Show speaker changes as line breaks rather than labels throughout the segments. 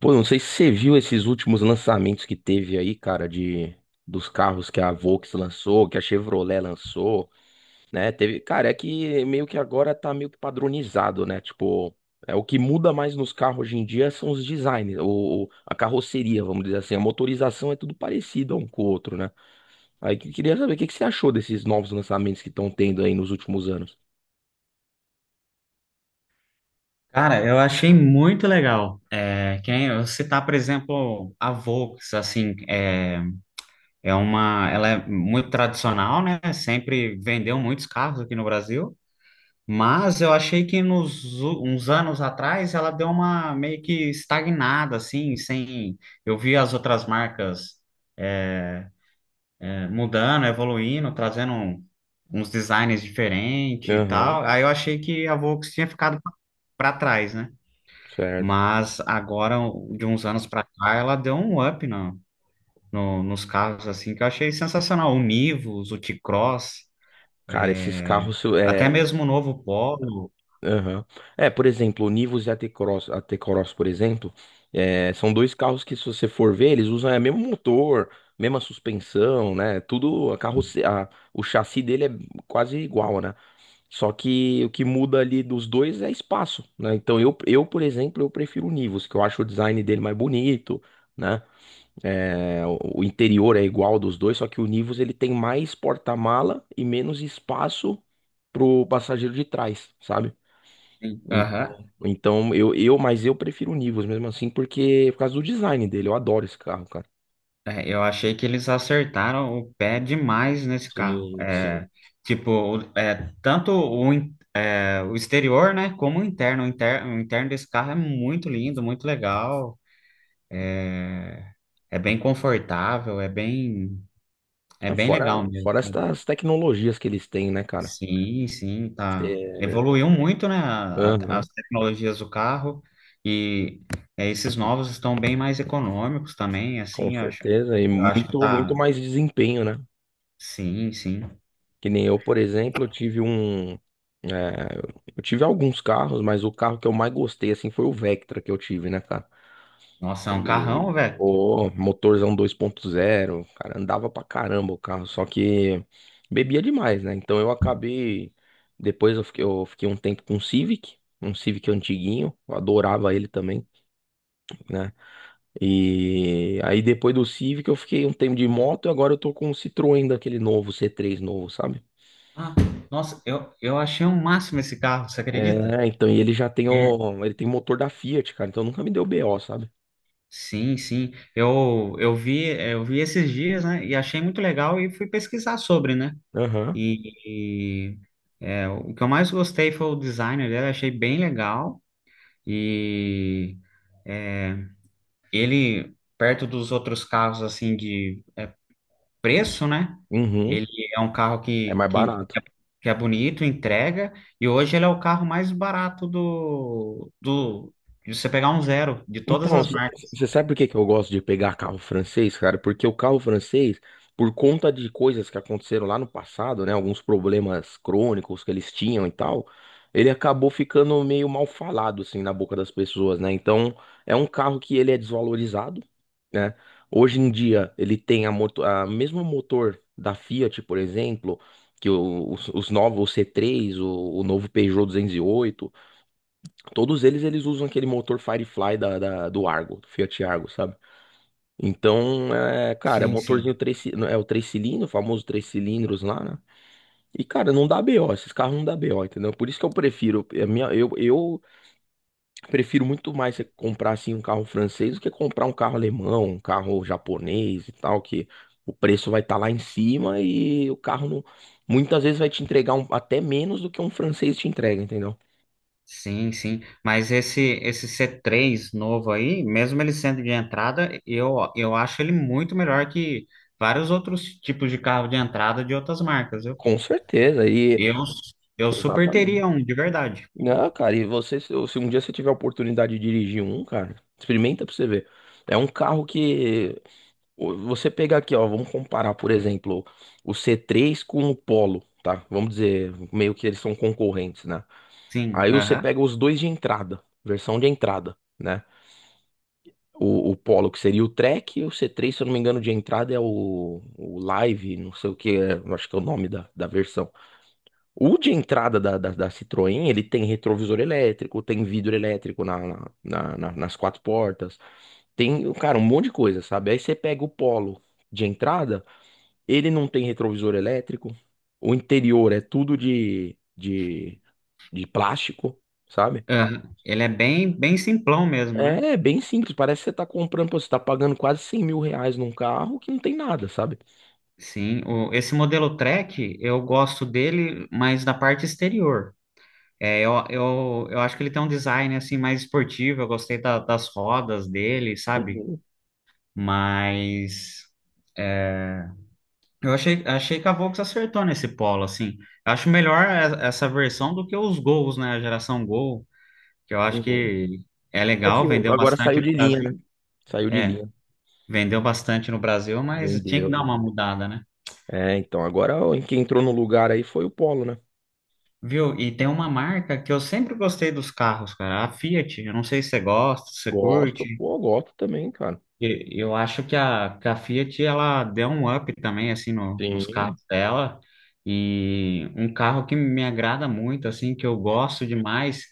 Pô, não sei se você viu esses últimos lançamentos que teve aí, cara, de dos carros que a Volks lançou, que a Chevrolet lançou, né? Teve, cara, é que meio que agora tá meio que padronizado, né? Tipo, é o que muda mais nos carros hoje em dia são os designs, ou a carroceria, vamos dizer assim, a motorização é tudo parecido um com o outro, né? Aí que eu queria saber o que que você achou desses novos lançamentos que estão tendo aí nos últimos anos.
Cara, eu achei muito legal. Quem eu citar, por exemplo, a Volks, assim, ela é muito tradicional, né? Sempre vendeu muitos carros aqui no Brasil, mas eu achei que uns anos atrás ela deu uma meio que estagnada, assim, sem. Eu vi as outras marcas é, mudando, evoluindo, uns designs diferentes e
Aham,
tal. Aí eu achei que a Volks tinha ficado para trás, né?
certo.
Mas agora, de uns anos pra cá, ela deu um up na- no, nos carros, assim, que eu achei sensacional. O Nivus, o T-Cross,
Cara, esses carros
até
é,
mesmo o novo Polo.
Aham. É, por exemplo, o Nivus e a T-Cross, por exemplo, são dois carros que, se você for ver, eles usam, mesmo motor, mesma suspensão, né? Tudo, o chassi dele é quase igual, né? Só que o que muda ali dos dois é espaço, né? Então, por exemplo, eu prefiro o Nivus, que eu acho o design dele mais bonito, né? É, o interior é igual dos dois, só que o Nivus ele tem mais porta-mala e menos espaço pro passageiro de trás, sabe?
Sim, aham.
Então, mas eu prefiro o Nivus mesmo assim, porque por causa do design dele, eu adoro esse carro, cara.
É, eu achei que eles acertaram o pé demais nesse carro.
Sim, sim.
Tipo, tanto o exterior, né, como o interno. O interno desse carro é muito lindo, muito legal. É bem confortável, é
É,
bem
Fora,
legal mesmo,
fora,
assim.
estas tecnologias que eles têm, né, cara?
Sim, sim, tá.
É,
Evoluiu muito, né, as
aham,
tecnologias do carro. E é, esses novos estão bem mais econômicos também,
com
assim,
certeza. E
eu acho que
muito, muito
tá.
mais desempenho, né?
Sim, sim.
Que nem eu, por exemplo, eu tive alguns carros, mas o carro que eu mais gostei, assim, foi o Vectra que eu tive, né, cara?
Nossa, é um
E,
carrão, velho.
pô, motorzão 2.0, cara, andava pra caramba o carro, só que bebia demais, né? Então eu acabei, depois eu fiquei um tempo com um Civic antiguinho, eu adorava ele também, né? E aí depois do Civic eu fiquei um tempo de moto e agora eu tô com um Citroën daquele novo, c três novo, sabe?
Ah, nossa, eu achei um máximo esse carro, você acredita?
Então, e
É.
ele tem motor da Fiat, cara, então nunca me deu BO, sabe?
Sim, sim. Eu vi, eu vi esses dias, né, e achei muito legal e fui pesquisar sobre, né?
Aham.
E, e, o que eu mais gostei foi o design dele, achei bem legal. E ele, perto dos outros carros, assim, de preço, né?
Uhum.
Ele é um carro
É mais barato.
que é bonito, entrega, e hoje ele é o carro mais barato de você pegar um zero, de todas
Então,
as marcas.
você sabe por que que eu gosto de pegar carro francês, cara? Porque o carro francês, por conta de coisas que aconteceram lá no passado, né? Alguns problemas crônicos que eles tinham e tal, ele acabou ficando meio mal falado, assim, na boca das pessoas, né? Então, é um carro que ele é desvalorizado, né? Hoje em dia, ele tem a mesmo motor da Fiat, por exemplo, que os novos, o C3, o novo Peugeot 208. Todos eles usam aquele motor Firefly do Argo, do Fiat Argo, sabe? Então, cara, é
Sim,
motorzinho
sim.
três, é o três cilindros, o famoso três cilindros lá, né? E, cara, não dá BO, esses carros não dá BO, entendeu? Por isso que eu prefiro, é, a minha, eu prefiro muito mais você comprar, assim, um carro francês do que comprar um carro alemão, um carro japonês e tal, que o preço vai estar lá em cima e o carro não, muitas vezes vai te entregar até menos do que um francês te entrega, entendeu?
Sim, sim. Mas esse C3 novo aí, mesmo ele sendo de entrada, eu acho ele muito melhor que vários outros tipos de carro de entrada de outras marcas, viu?
Com certeza, e...
Eu, eu super teria
Exatamente.
um, de verdade.
Não, cara, e você, se um dia você tiver a oportunidade de dirigir um, cara, experimenta pra você ver. É um carro que você pega aqui, ó, vamos comparar, por exemplo, o C3 com o Polo, tá? Vamos dizer, meio que eles são concorrentes, né?
Sim,
Aí você
aham,
pega os dois de entrada, versão de entrada, né? O Polo, que seria o Track, e o C3, se eu não me engano, de entrada é o Live, não sei o que, acho que é o nome da, da versão. O de entrada da Citroën, ele tem retrovisor elétrico, tem vidro elétrico nas quatro portas, tem, cara, um monte de coisa, sabe? Aí você pega o Polo de entrada, ele não tem retrovisor elétrico, o interior é tudo de plástico, sabe?
aham. Ele é bem simplão mesmo, né?
É bem simples, parece que você tá comprando, pô, você tá pagando quase 100 mil reais num carro que não tem nada, sabe?
Sim, o, esse modelo Track, eu gosto dele, mas da parte exterior. É, eu acho que ele tem um design assim mais esportivo, eu gostei das rodas dele, sabe?
Uhum,
Mas é, achei que a Volks acertou nesse polo, assim. Eu acho melhor essa versão do que os Gols, né? A geração Gol, que eu acho
uhum.
que é
É
legal,
que
vendeu
agora
bastante
saiu de
no
linha, né?
Brasil.
Saiu de
é
linha.
Vendeu bastante no Brasil, mas tinha
Vendeu.
que dar uma mudada, né?
Então, agora ó, quem entrou no lugar aí foi o Polo, né?
Viu? E tem uma marca que eu sempre gostei dos carros, cara, a Fiat. Eu não sei se você gosta, se você
Gosto,
curte.
pô, gosto também, cara.
Eu acho que a Fiat, ela deu um up também, assim, nos
Sim.
carros dela. E um carro que me agrada muito, assim, que eu gosto demais,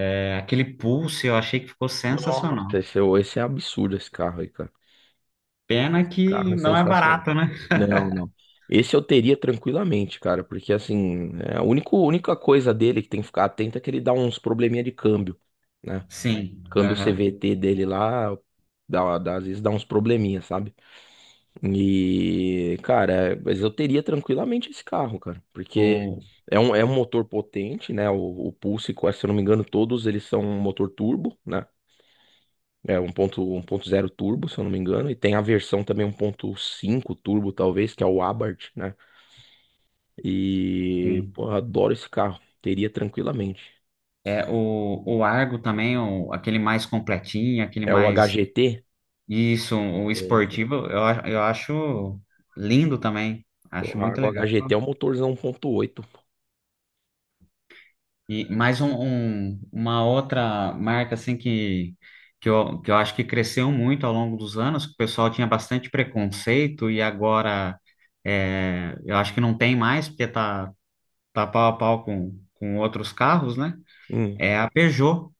é aquele Pulse, eu achei que ficou
Nossa,
sensacional.
esse é absurdo esse carro aí, cara.
Pena
O carro
que
é
não é
sensacional.
barato, né?
Não, não. Esse eu teria tranquilamente, cara, porque assim, a única, única coisa dele que tem que ficar atento é que ele dá uns probleminha de câmbio, né?
Sim,
Câmbio
aham.
CVT dele lá, às vezes dá uns probleminha, sabe? E, cara, mas eu teria tranquilamente esse carro, cara, porque
O,
é um motor potente, né? O Pulse, se eu não me engano, todos eles são um motor turbo, né? É um 1.0 turbo, se eu não me engano, e tem a versão também 1.5 turbo, talvez, que é o Abarth, né? E,
sim.
pô, eu adoro esse carro, teria tranquilamente.
É, o Argo também, o, aquele mais completinho,
É o HGT?
o
Tem, sim.
esportivo, eu acho lindo também. Acho
Porra,
muito
o
legal.
HGT é um motorzão 1.8.
E mais um, uma outra marca assim que eu acho que cresceu muito ao longo dos anos, que o pessoal tinha bastante preconceito e agora é, eu acho que não tem mais, porque tá pau a pau com outros carros, né?
Hum.
É a Peugeot.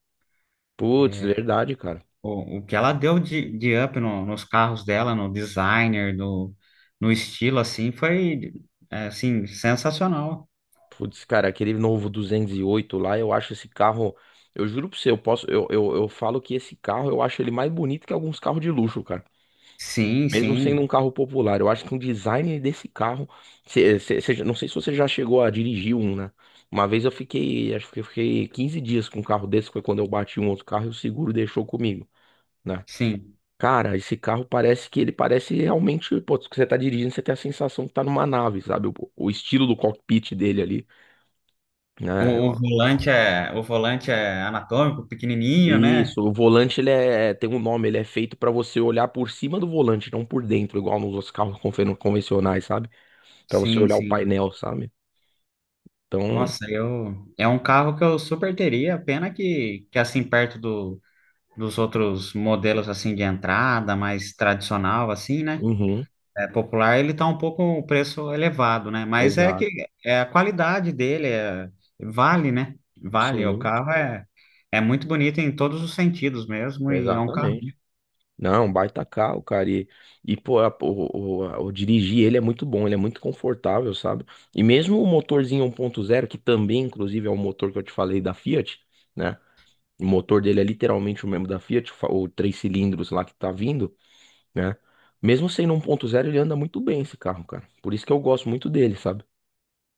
Putz, verdade, cara.
O que ela deu de up nos carros dela, no designer, no, no estilo, assim, foi, é, assim, sensacional.
Putz, cara, aquele novo 208 lá, eu acho esse carro. Eu juro pra você, eu posso. Eu falo que esse carro eu acho ele mais bonito que alguns carros de luxo, cara.
Sim,
Mesmo sendo
sim,
um carro popular, eu acho que o design desse carro. Não sei se você já chegou a dirigir um, né? Uma vez eu fiquei. Acho que eu fiquei 15 dias com um carro desse, foi quando eu bati um outro carro e o seguro deixou comigo, né?
sim.
Cara, esse carro parece que ele parece realmente. Pô, que você tá dirigindo, você tem a sensação que tá numa nave, sabe? O estilo do cockpit dele ali, né?
O volante é anatômico, pequenininho, né?
Isso, o volante ele tem um nome, ele é feito pra você olhar por cima do volante, não por dentro, igual nos outros carros convencionais, sabe? Pra você
Sim,
olhar o
sim.
painel, sabe? Então,
Nossa, eu, é um carro que eu super teria, pena que assim, perto dos outros modelos, assim, de entrada, mais tradicional, assim, né?
uhum,
É, popular, ele tá um pouco o preço elevado, né? Mas é
exato,
que é a qualidade dele vale, né? Vale. O
sim,
carro é, é muito bonito em todos os sentidos mesmo, e é um carro.
exatamente. Não, baita carro, cara. E pô, o dirigir ele é muito bom, ele é muito confortável, sabe? E mesmo o motorzinho 1.0, que também, inclusive, é o motor que eu te falei da Fiat, né? O motor dele é literalmente o mesmo da Fiat, o três cilindros lá que tá vindo, né? Mesmo sendo 1.0, ele anda muito bem esse carro, cara. Por isso que eu gosto muito dele, sabe?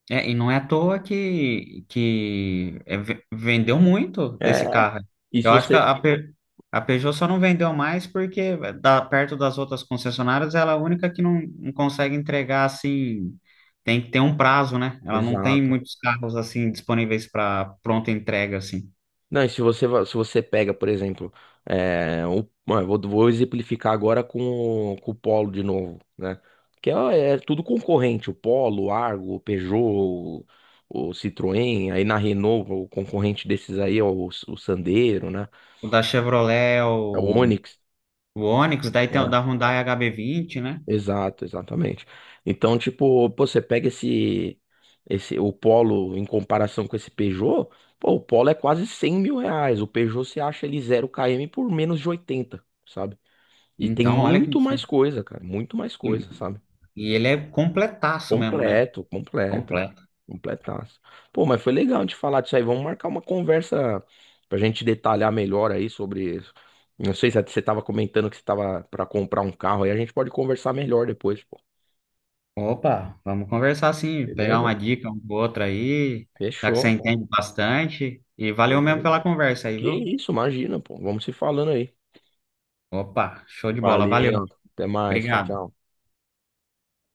É, e não é à toa que vendeu muito
É,
desse carro.
e se
Eu acho que
você.
a Peugeot só não vendeu mais porque da, perto das outras concessionárias, ela é a única que não consegue entregar assim. Tem que ter um prazo, né? Ela não tem
Exato.
muitos carros assim disponíveis para pronta entrega assim.
Não, e se você, se você pega, por exemplo, bom, eu vou exemplificar agora com o Polo de novo, né? Que é tudo concorrente, o Polo, o Argo, o Peugeot, o, Citroën, aí na Renault, o concorrente desses aí é o Sandero, né?
O da Chevrolet,
É o Onix,
o Onix, daí tem o
né?
da Hyundai HB20, né?
Exato, exatamente. Então, tipo, pô, você pega o Polo em comparação com esse Peugeot, pô, o Polo é quase 100 mil reais. O Peugeot você acha ele 0 km por menos de 80, sabe? E tem
Então, olha que
muito mais coisa, cara, muito mais
e,
coisa, sabe?
ele é completaço mesmo, né?
Completo, completo,
Completo.
completaço. Pô, mas foi legal de falar disso aí. Vamos marcar uma conversa pra gente detalhar melhor aí sobre isso. Não sei se você tava comentando que você tava pra comprar um carro aí, a gente pode conversar melhor depois, pô.
Opa, vamos conversar sim, pegar uma
Beleza?
dica um com o aí, já que você
Fechou, pô.
entende bastante. E valeu mesmo
Beleza.
pela conversa aí,
Que
viu?
isso, imagina, pô. Vamos se falando aí.
Opa, show de bola, valeu.
Valeu. Até mais. Tchau,
Obrigado.
tchau.